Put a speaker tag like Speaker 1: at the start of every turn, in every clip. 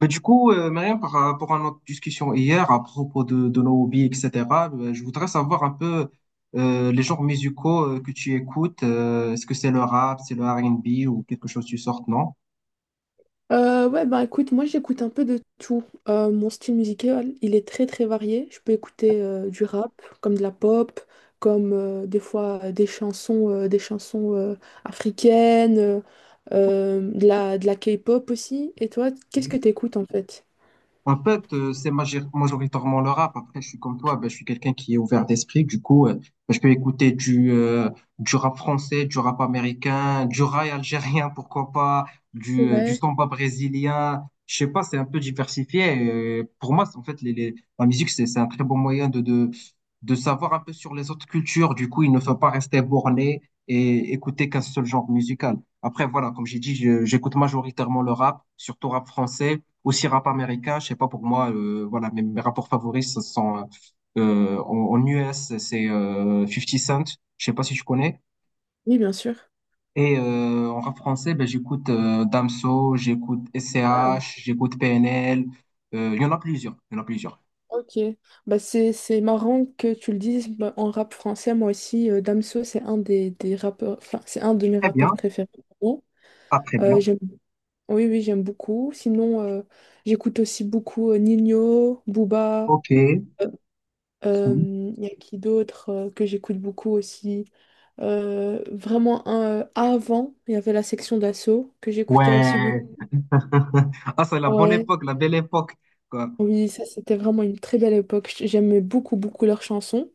Speaker 1: Mais du coup, Mariam, par rapport à notre discussion hier à propos de nos hobbies, etc., je voudrais savoir un peu les genres musicaux que tu écoutes. Est-ce que c'est le rap, c'est le R&B ou quelque chose du sort, non?
Speaker 2: Ouais, bah écoute, moi j'écoute un peu de tout. Mon style musical, il est très très varié. Je peux écouter du rap, comme de la pop, comme des fois des chansons africaines, de la K-pop aussi. Et toi, qu'est-ce que t'écoutes en fait?
Speaker 1: En fait, c'est majoritairement le rap. Après, je suis comme toi, ben, je suis quelqu'un qui est ouvert d'esprit. Du coup, ben, je peux écouter du rap français, du rap américain, du rail algérien, pourquoi pas, du
Speaker 2: Ouais.
Speaker 1: samba brésilien. Je sais pas, c'est un peu diversifié. Et pour moi, c'est en fait, la musique, c'est un très bon moyen de savoir un peu sur les autres cultures. Du coup, il ne faut pas rester borné et écouter qu'un seul genre musical. Après, voilà, comme j'ai dit, j'écoute majoritairement le rap, surtout rap français aussi rap américain, je sais pas, pour moi, voilà, mes rapports favoris, ce sont en US, c'est 50 Cent, je sais pas si je connais.
Speaker 2: Oui, bien sûr.
Speaker 1: Et en rap français, ben, j'écoute Damso, j'écoute
Speaker 2: Ah,
Speaker 1: SCH, j'écoute PNL. Il y en a plusieurs, il y en a plusieurs.
Speaker 2: ok. Bah, c'est marrant que tu le dises. Bah, en rap français, moi aussi, Damso, c'est un des rappeurs, enfin, c'est un de mes
Speaker 1: Très bien,
Speaker 2: rappeurs préférés.
Speaker 1: ah, très bien.
Speaker 2: J'aime Oui, oui, j'aime beaucoup. Sinon, j'écoute aussi beaucoup Ninho, Booba.
Speaker 1: Ok.
Speaker 2: euh,
Speaker 1: Si.
Speaker 2: Il y a qui d'autre que j'écoute beaucoup aussi. Vraiment, avant, il y avait la section d'assaut que j'écoutais aussi beaucoup.
Speaker 1: Ouais. Ah, c'est la bonne
Speaker 2: Ouais,
Speaker 1: époque, la belle époque, quoi.
Speaker 2: oui, ça c'était vraiment une très belle époque. J'aimais beaucoup, beaucoup leurs chansons.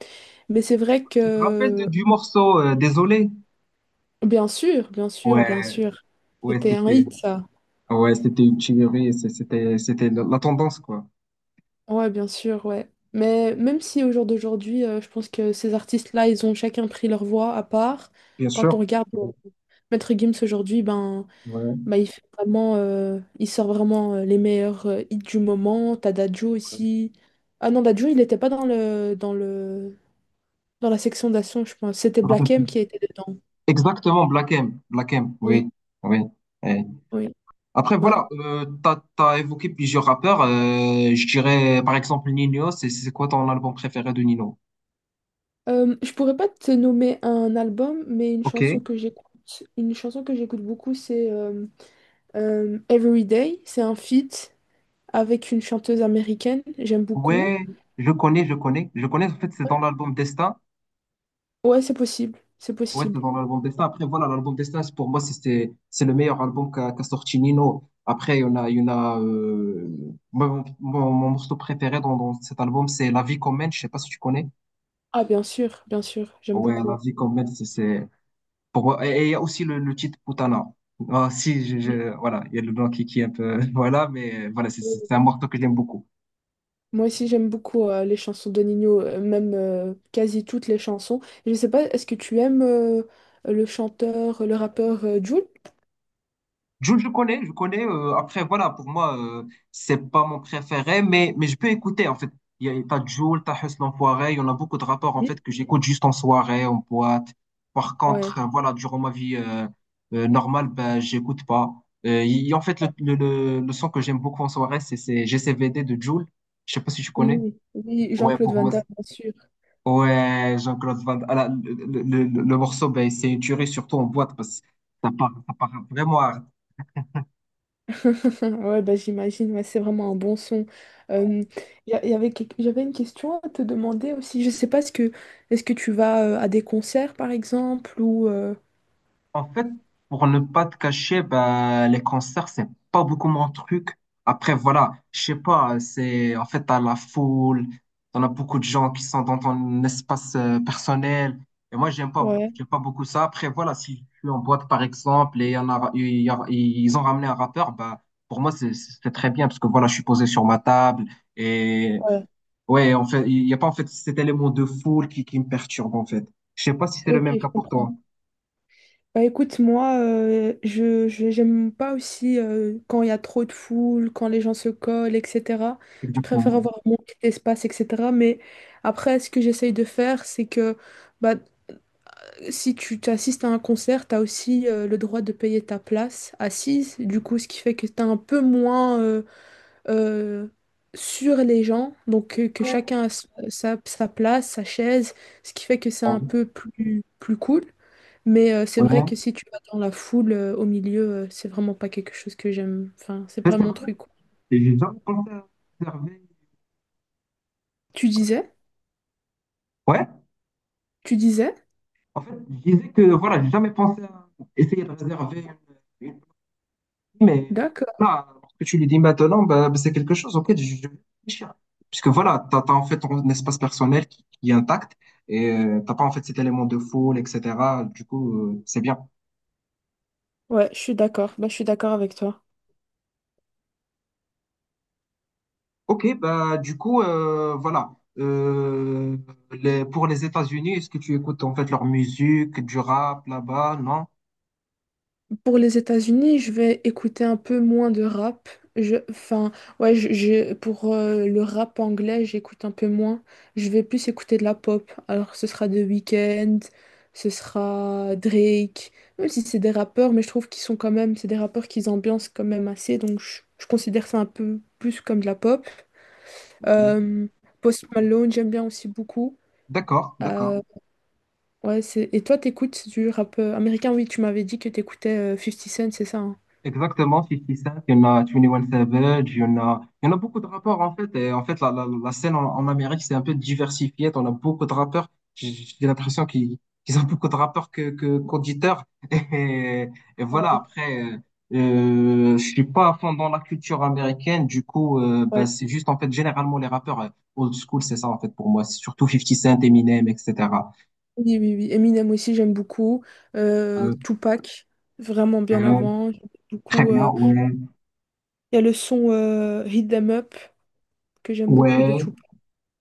Speaker 2: Mais c'est vrai
Speaker 1: Tu te rappelles
Speaker 2: que,
Speaker 1: du morceau Désolé?
Speaker 2: bien sûr, bien sûr, bien
Speaker 1: Ouais,
Speaker 2: sûr,
Speaker 1: ouais,
Speaker 2: c'était un
Speaker 1: c'était.
Speaker 2: hit, ça.
Speaker 1: Ah ouais, c'était une tuerie, c'était la tendance, quoi.
Speaker 2: Ouais, bien sûr, ouais. Mais même si au jour d'aujourd'hui, je pense que ces artistes-là, ils ont chacun pris leur voix à part.
Speaker 1: Bien
Speaker 2: Quand on
Speaker 1: sûr.
Speaker 2: regarde
Speaker 1: Ouais,
Speaker 2: Maître Gims aujourd'hui, ben,
Speaker 1: ouais.
Speaker 2: ben, il fait vraiment, il sort vraiment les meilleurs hits du moment. T'as Dadju
Speaker 1: Je
Speaker 2: aussi. Ah non, Dadju, il n'était pas dans la section d'action, je pense. C'était
Speaker 1: me rappelle
Speaker 2: Black
Speaker 1: plus.
Speaker 2: M qui était dedans.
Speaker 1: Exactement, Black M. Black M,
Speaker 2: Oui,
Speaker 1: oui. Oui. Eh.
Speaker 2: oui,
Speaker 1: Après,
Speaker 2: ouais.
Speaker 1: voilà, t'as évoqué plusieurs rappeurs. Je dirais, par exemple, Nino. C'est quoi ton album préféré de Nino?
Speaker 2: Je pourrais pas te nommer un album, mais
Speaker 1: Ok.
Speaker 2: une chanson que j'écoute beaucoup, c'est Everyday, c'est un feat avec une chanteuse américaine, j'aime
Speaker 1: Ouais,
Speaker 2: beaucoup.
Speaker 1: je connais, je connais. Je connais, en fait, c'est dans l'album Destin.
Speaker 2: Ouais, c'est
Speaker 1: Ouais, c'est
Speaker 2: possible.
Speaker 1: dans l'album Destin. Après, voilà, l'album Destin, pour moi, c'est le meilleur album qu'a sorti Nino. Après, il y en a moi, mon morceau préféré dans cet album, c'est La vie qu'on mène. Je sais pas si tu connais.
Speaker 2: Ah, bien sûr, j'aime
Speaker 1: Ouais, La
Speaker 2: beaucoup.
Speaker 1: vie qu'on mène, pour moi. Et il y a aussi le titre Putana. Ah, si,
Speaker 2: Oui.
Speaker 1: voilà, il y a le blanc qui est un peu. Voilà, mais voilà, c'est un morceau que j'aime beaucoup.
Speaker 2: Moi aussi, j'aime beaucoup les chansons de Nino, même quasi toutes les chansons. Je sais pas, est-ce que tu aimes le chanteur, le rappeur Jul?
Speaker 1: Jul, je connais, je connais. Après, voilà, pour moi, c'est pas mon préféré, mais je peux écouter, en fait. Il y a, t'as Jul, t'as Hus l'Enfoiré, il y en a beaucoup de rapports, en
Speaker 2: Oui.
Speaker 1: fait, que j'écoute juste en soirée, en boîte. Par
Speaker 2: Ouais,
Speaker 1: contre, voilà, durant ma vie normale, ben, j'écoute pas. Il y a, en fait, le son que j'aime beaucoup en soirée, c'est GCVD de Jul. Je sais pas si tu
Speaker 2: oui,
Speaker 1: connais.
Speaker 2: oui, oui,
Speaker 1: Ouais,
Speaker 2: Jean-Claude
Speaker 1: pour
Speaker 2: Van
Speaker 1: moi,
Speaker 2: Damme, bien sûr.
Speaker 1: ouais, Jean-Claude Van Damme. Ah là, le morceau, ben, c'est une tuerie, surtout en boîte, parce que ça part vraiment à
Speaker 2: Ouais, bah, j'imagine, ouais, c'est vraiment un bon son. Euh, y a- y avait, quelque- j'avais une question à te demander aussi. Je sais pas, est-ce que tu vas à des concerts, par exemple, ou...
Speaker 1: En fait, pour ne pas te cacher, bah, les concerts, c'est pas beaucoup mon truc. Après, voilà, je sais pas, c'est, en fait, t'as la foule, t'en as beaucoup de gens qui sont dans ton espace personnel. Et moi,
Speaker 2: Ouais,
Speaker 1: j'aime pas beaucoup ça. Après, voilà, si je suis en boîte, par exemple, et y en a, il y a- ils ont ramené un rappeur, bah, pour moi, c'est très bien, parce que voilà, je suis posé sur ma table. Et
Speaker 2: ouais.
Speaker 1: ouais, en fait, il y a pas, en fait, cet élément de foule qui me perturbe, en fait. Je sais pas si c'est le
Speaker 2: Ok,
Speaker 1: même
Speaker 2: je
Speaker 1: cas pour toi.
Speaker 2: comprends. Bah écoute, moi, j'aime pas aussi quand il y a trop de foule, quand les gens se collent, etc. Je préfère
Speaker 1: Exactement.
Speaker 2: avoir mon petit espace, etc. Mais après, ce que j'essaye de faire, c'est que... bah, si tu t'assistes à un concert, tu as aussi le droit de payer ta place assise, du coup, ce qui fait que tu es un peu moins euh, sur les gens, donc que chacun a sa place, sa chaise, ce qui fait que c'est un
Speaker 1: Ouais.
Speaker 2: peu plus cool. Mais c'est vrai que si tu vas dans la foule au milieu, c'est vraiment pas quelque chose que j'aime. Enfin, c'est
Speaker 1: Ça,
Speaker 2: pas
Speaker 1: c'est
Speaker 2: mon
Speaker 1: vrai.
Speaker 2: truc, quoi.
Speaker 1: Et j'ai jamais pensé à réserver.
Speaker 2: Tu disais?
Speaker 1: Ouais.
Speaker 2: Tu disais?
Speaker 1: En fait, je disais que voilà, j'ai jamais pensé à essayer de réserver une mais
Speaker 2: D'accord.
Speaker 1: là, parce que tu lui dis maintenant, bah, c'est quelque chose auquel je vais réfléchir. Puisque voilà, t'as en fait ton espace personnel qui est intact et t'as pas en fait cet élément de foule, etc. Du coup, c'est bien.
Speaker 2: Ouais, je suis d'accord. Bah, je suis d'accord avec toi.
Speaker 1: Ok, bah du coup, voilà. Pour les États-Unis, est-ce que tu écoutes en fait leur musique, du rap là-bas? Non?
Speaker 2: Pour les États-Unis, je vais écouter un peu moins de rap. Je, enfin, ouais, pour le rap anglais, j'écoute un peu moins. Je vais plus écouter de la pop. Alors, ce sera The Weeknd, ce sera Drake, même si c'est des rappeurs, mais je trouve qu'ils sont quand même, c'est des rappeurs qui ambiancent quand même assez, donc je considère ça un peu plus comme de la pop. Euh, Post Malone, j'aime bien aussi beaucoup.
Speaker 1: D'accord, d'accord.
Speaker 2: Euh, ouais, c'est... Et toi, t'écoutes du rap américain? Oui, tu m'avais dit que t'écoutais 50 Cent, c'est ça, hein?
Speaker 1: Exactement, 50 Cent, il y en a 21 Savage, il y en a beaucoup de rappeurs en fait. Et en fait, la scène en Amérique, c'est un peu diversifiée. On a beaucoup de rappeurs. J'ai l'impression qu'ils ont beaucoup de rappeurs qu'auditeurs. Et, et voilà, après, je suis pas à fond dans la culture américaine. Du coup, bah,
Speaker 2: Ouais.
Speaker 1: c'est juste en fait, généralement, les rappeurs old school, c'est ça en fait pour moi. C'est surtout 50 Cent, Eminem, etc.
Speaker 2: Oui, oui, oui. Eminem aussi, j'aime beaucoup.
Speaker 1: Euh,
Speaker 2: Tupac, vraiment bien
Speaker 1: euh,
Speaker 2: avant.
Speaker 1: Très
Speaker 2: Beaucoup,
Speaker 1: bien,
Speaker 2: euh,
Speaker 1: ouais,
Speaker 2: Il y a le son Hit 'em Up que j'aime beaucoup de
Speaker 1: ouais.
Speaker 2: Tupac.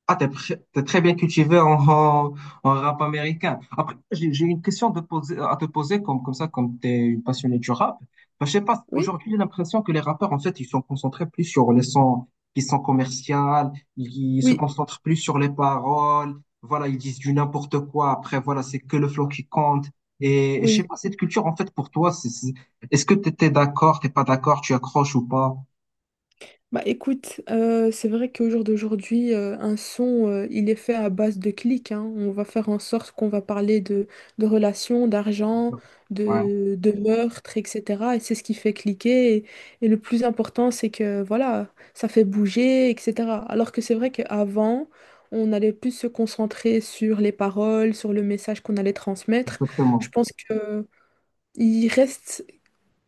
Speaker 1: Ah, t'es très bien cultivé en rap américain. Après, j'ai une question à te poser, comme ça, comme t'es une passionnée du rap. Bah, je sais pas,
Speaker 2: Oui,
Speaker 1: aujourd'hui, j'ai l'impression que les rappeurs, en fait, ils sont concentrés plus sur les sons qui sont commerciaux, ils se
Speaker 2: oui,
Speaker 1: concentrent plus sur les paroles, voilà, ils disent du n'importe quoi. Après, voilà, c'est que le flow qui compte. Et je sais
Speaker 2: oui.
Speaker 1: pas, cette culture, en fait, pour toi, est-ce que t'étais d'accord, t'es pas d'accord, tu accroches ou pas?
Speaker 2: Bah écoute, c'est vrai qu'au jour d'aujourd'hui, un son, il est fait à base de clics, hein. On va faire en sorte qu'on va parler de relations, d'argent,
Speaker 1: Ouais,
Speaker 2: de meurtres, etc. Et c'est ce qui fait cliquer. Et le plus important, c'est que voilà, ça fait bouger, etc. Alors que c'est vrai qu'avant, on allait plus se concentrer sur les paroles, sur le message qu'on allait transmettre. Je
Speaker 1: exactement.
Speaker 2: pense que il reste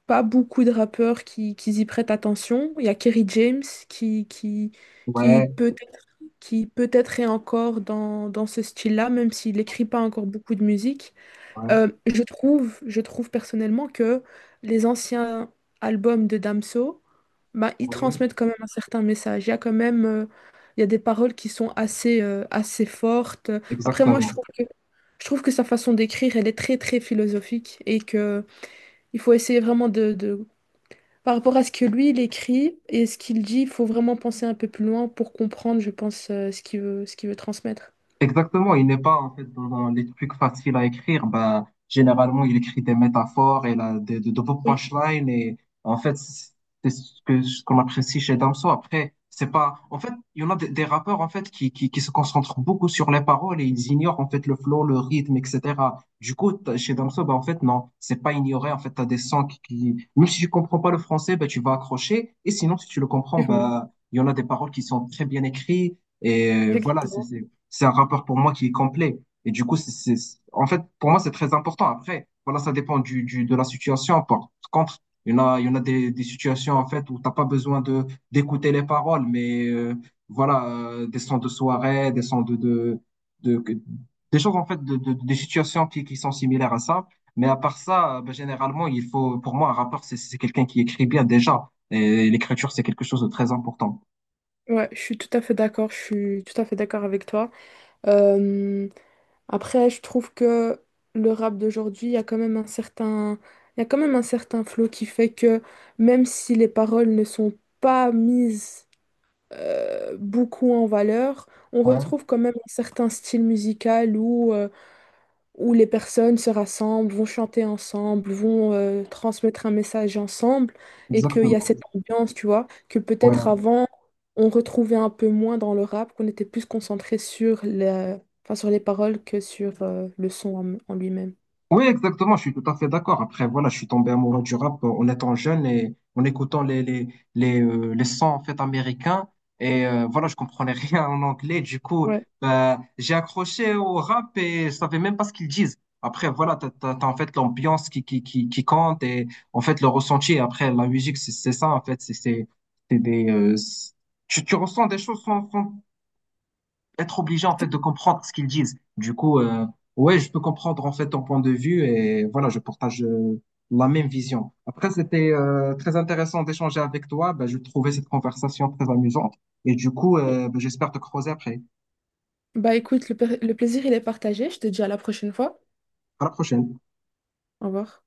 Speaker 2: pas beaucoup de rappeurs qui y prêtent attention. Il y a Kerry James qui, qui, qui
Speaker 1: Ouais,
Speaker 2: peut-être est encore dans ce style-là, même s'il n'écrit pas encore beaucoup de musique.
Speaker 1: ouais,
Speaker 2: Je trouve personnellement que les anciens albums de Damso, bah, ils
Speaker 1: oui.
Speaker 2: transmettent quand même un certain message. Il y a des paroles qui sont assez, assez fortes. Après, moi, je
Speaker 1: Exactement.
Speaker 2: trouve que, je trouve que sa façon d'écrire, elle est très, très philosophique et que il faut essayer vraiment de par rapport à ce que lui, il écrit et ce qu'il dit, il faut vraiment penser un peu plus loin pour comprendre, je pense, ce qu'il veut transmettre.
Speaker 1: Exactement, il n'est pas en fait dans les trucs faciles à écrire. Ben, généralement, il écrit des métaphores et là, de beaux
Speaker 2: Oui,
Speaker 1: punchlines. Et en fait, c'est ce qu'on apprécie chez Damso. Après, c'est pas. En fait, il y en a des rappeurs en fait qui se concentrent beaucoup sur les paroles et ils ignorent en fait le flow, le rythme, etc. Du coup, chez Damso, ben, en fait, non, c'est pas ignoré. En fait, t'as des sons même si tu comprends pas le français, ben, tu vas accrocher. Et sinon, si tu le comprends,
Speaker 2: effectivement.
Speaker 1: ben, il y en a des paroles qui sont très bien écrites. Et voilà, c'est
Speaker 2: Effectivement.
Speaker 1: c'est- c'est un rappeur pour moi qui est complet. Et du coup, en fait, pour moi, c'est très important. Après, voilà, ça dépend de la situation. Par contre, il y en a des situations, en fait, où t'as pas besoin d'écouter les paroles, mais voilà, des sons de soirée, des sons de, que- des choses, en fait, des situations qui sont similaires à ça. Mais à part ça, ben, généralement, il faut, pour moi, un rappeur, c'est quelqu'un qui écrit bien déjà. Et l'écriture, c'est quelque chose de très important.
Speaker 2: Ouais, je suis tout à fait d'accord, je suis tout à fait d'accord avec toi. Euh, après, je trouve que le rap d'aujourd'hui, il y a quand même un certain flow qui fait que même si les paroles ne sont pas mises beaucoup en valeur, on
Speaker 1: Ouais,
Speaker 2: retrouve quand même un certain style musical où les personnes se rassemblent, vont chanter ensemble, vont transmettre un message ensemble, et qu'il y a
Speaker 1: exactement.
Speaker 2: cette ambiance, tu vois, que peut-être
Speaker 1: Ouais.
Speaker 2: avant, on retrouvait un peu moins dans le rap, qu'on était plus concentré sur la- enfin, sur les paroles que sur le son en lui-même.
Speaker 1: Oui, exactement, je suis tout à fait d'accord. Après, voilà, je suis tombé amoureux du rap en étant jeune et en écoutant les sons en fait américains. Et voilà, je comprenais rien en anglais. Du coup,
Speaker 2: Ouais.
Speaker 1: bah, j'ai accroché au rap et je savais même pas ce qu'ils disent. Après, voilà, en fait l'ambiance qui compte et en fait le ressenti. Et après, la musique, c'est ça en fait. C'est des, c'est- tu ressens des choses sans être obligé en fait de comprendre ce qu'ils disent. Du coup, ouais, je peux comprendre en fait ton point de vue et voilà, je partage la même vision. Après, c'était très intéressant d'échanger avec toi. Ben, je trouvais cette conversation très amusante et du coup, ben, j'espère te croiser après.
Speaker 2: Bah écoute, le plaisir, il est partagé. Je te dis à la prochaine fois.
Speaker 1: À la prochaine.
Speaker 2: Au revoir.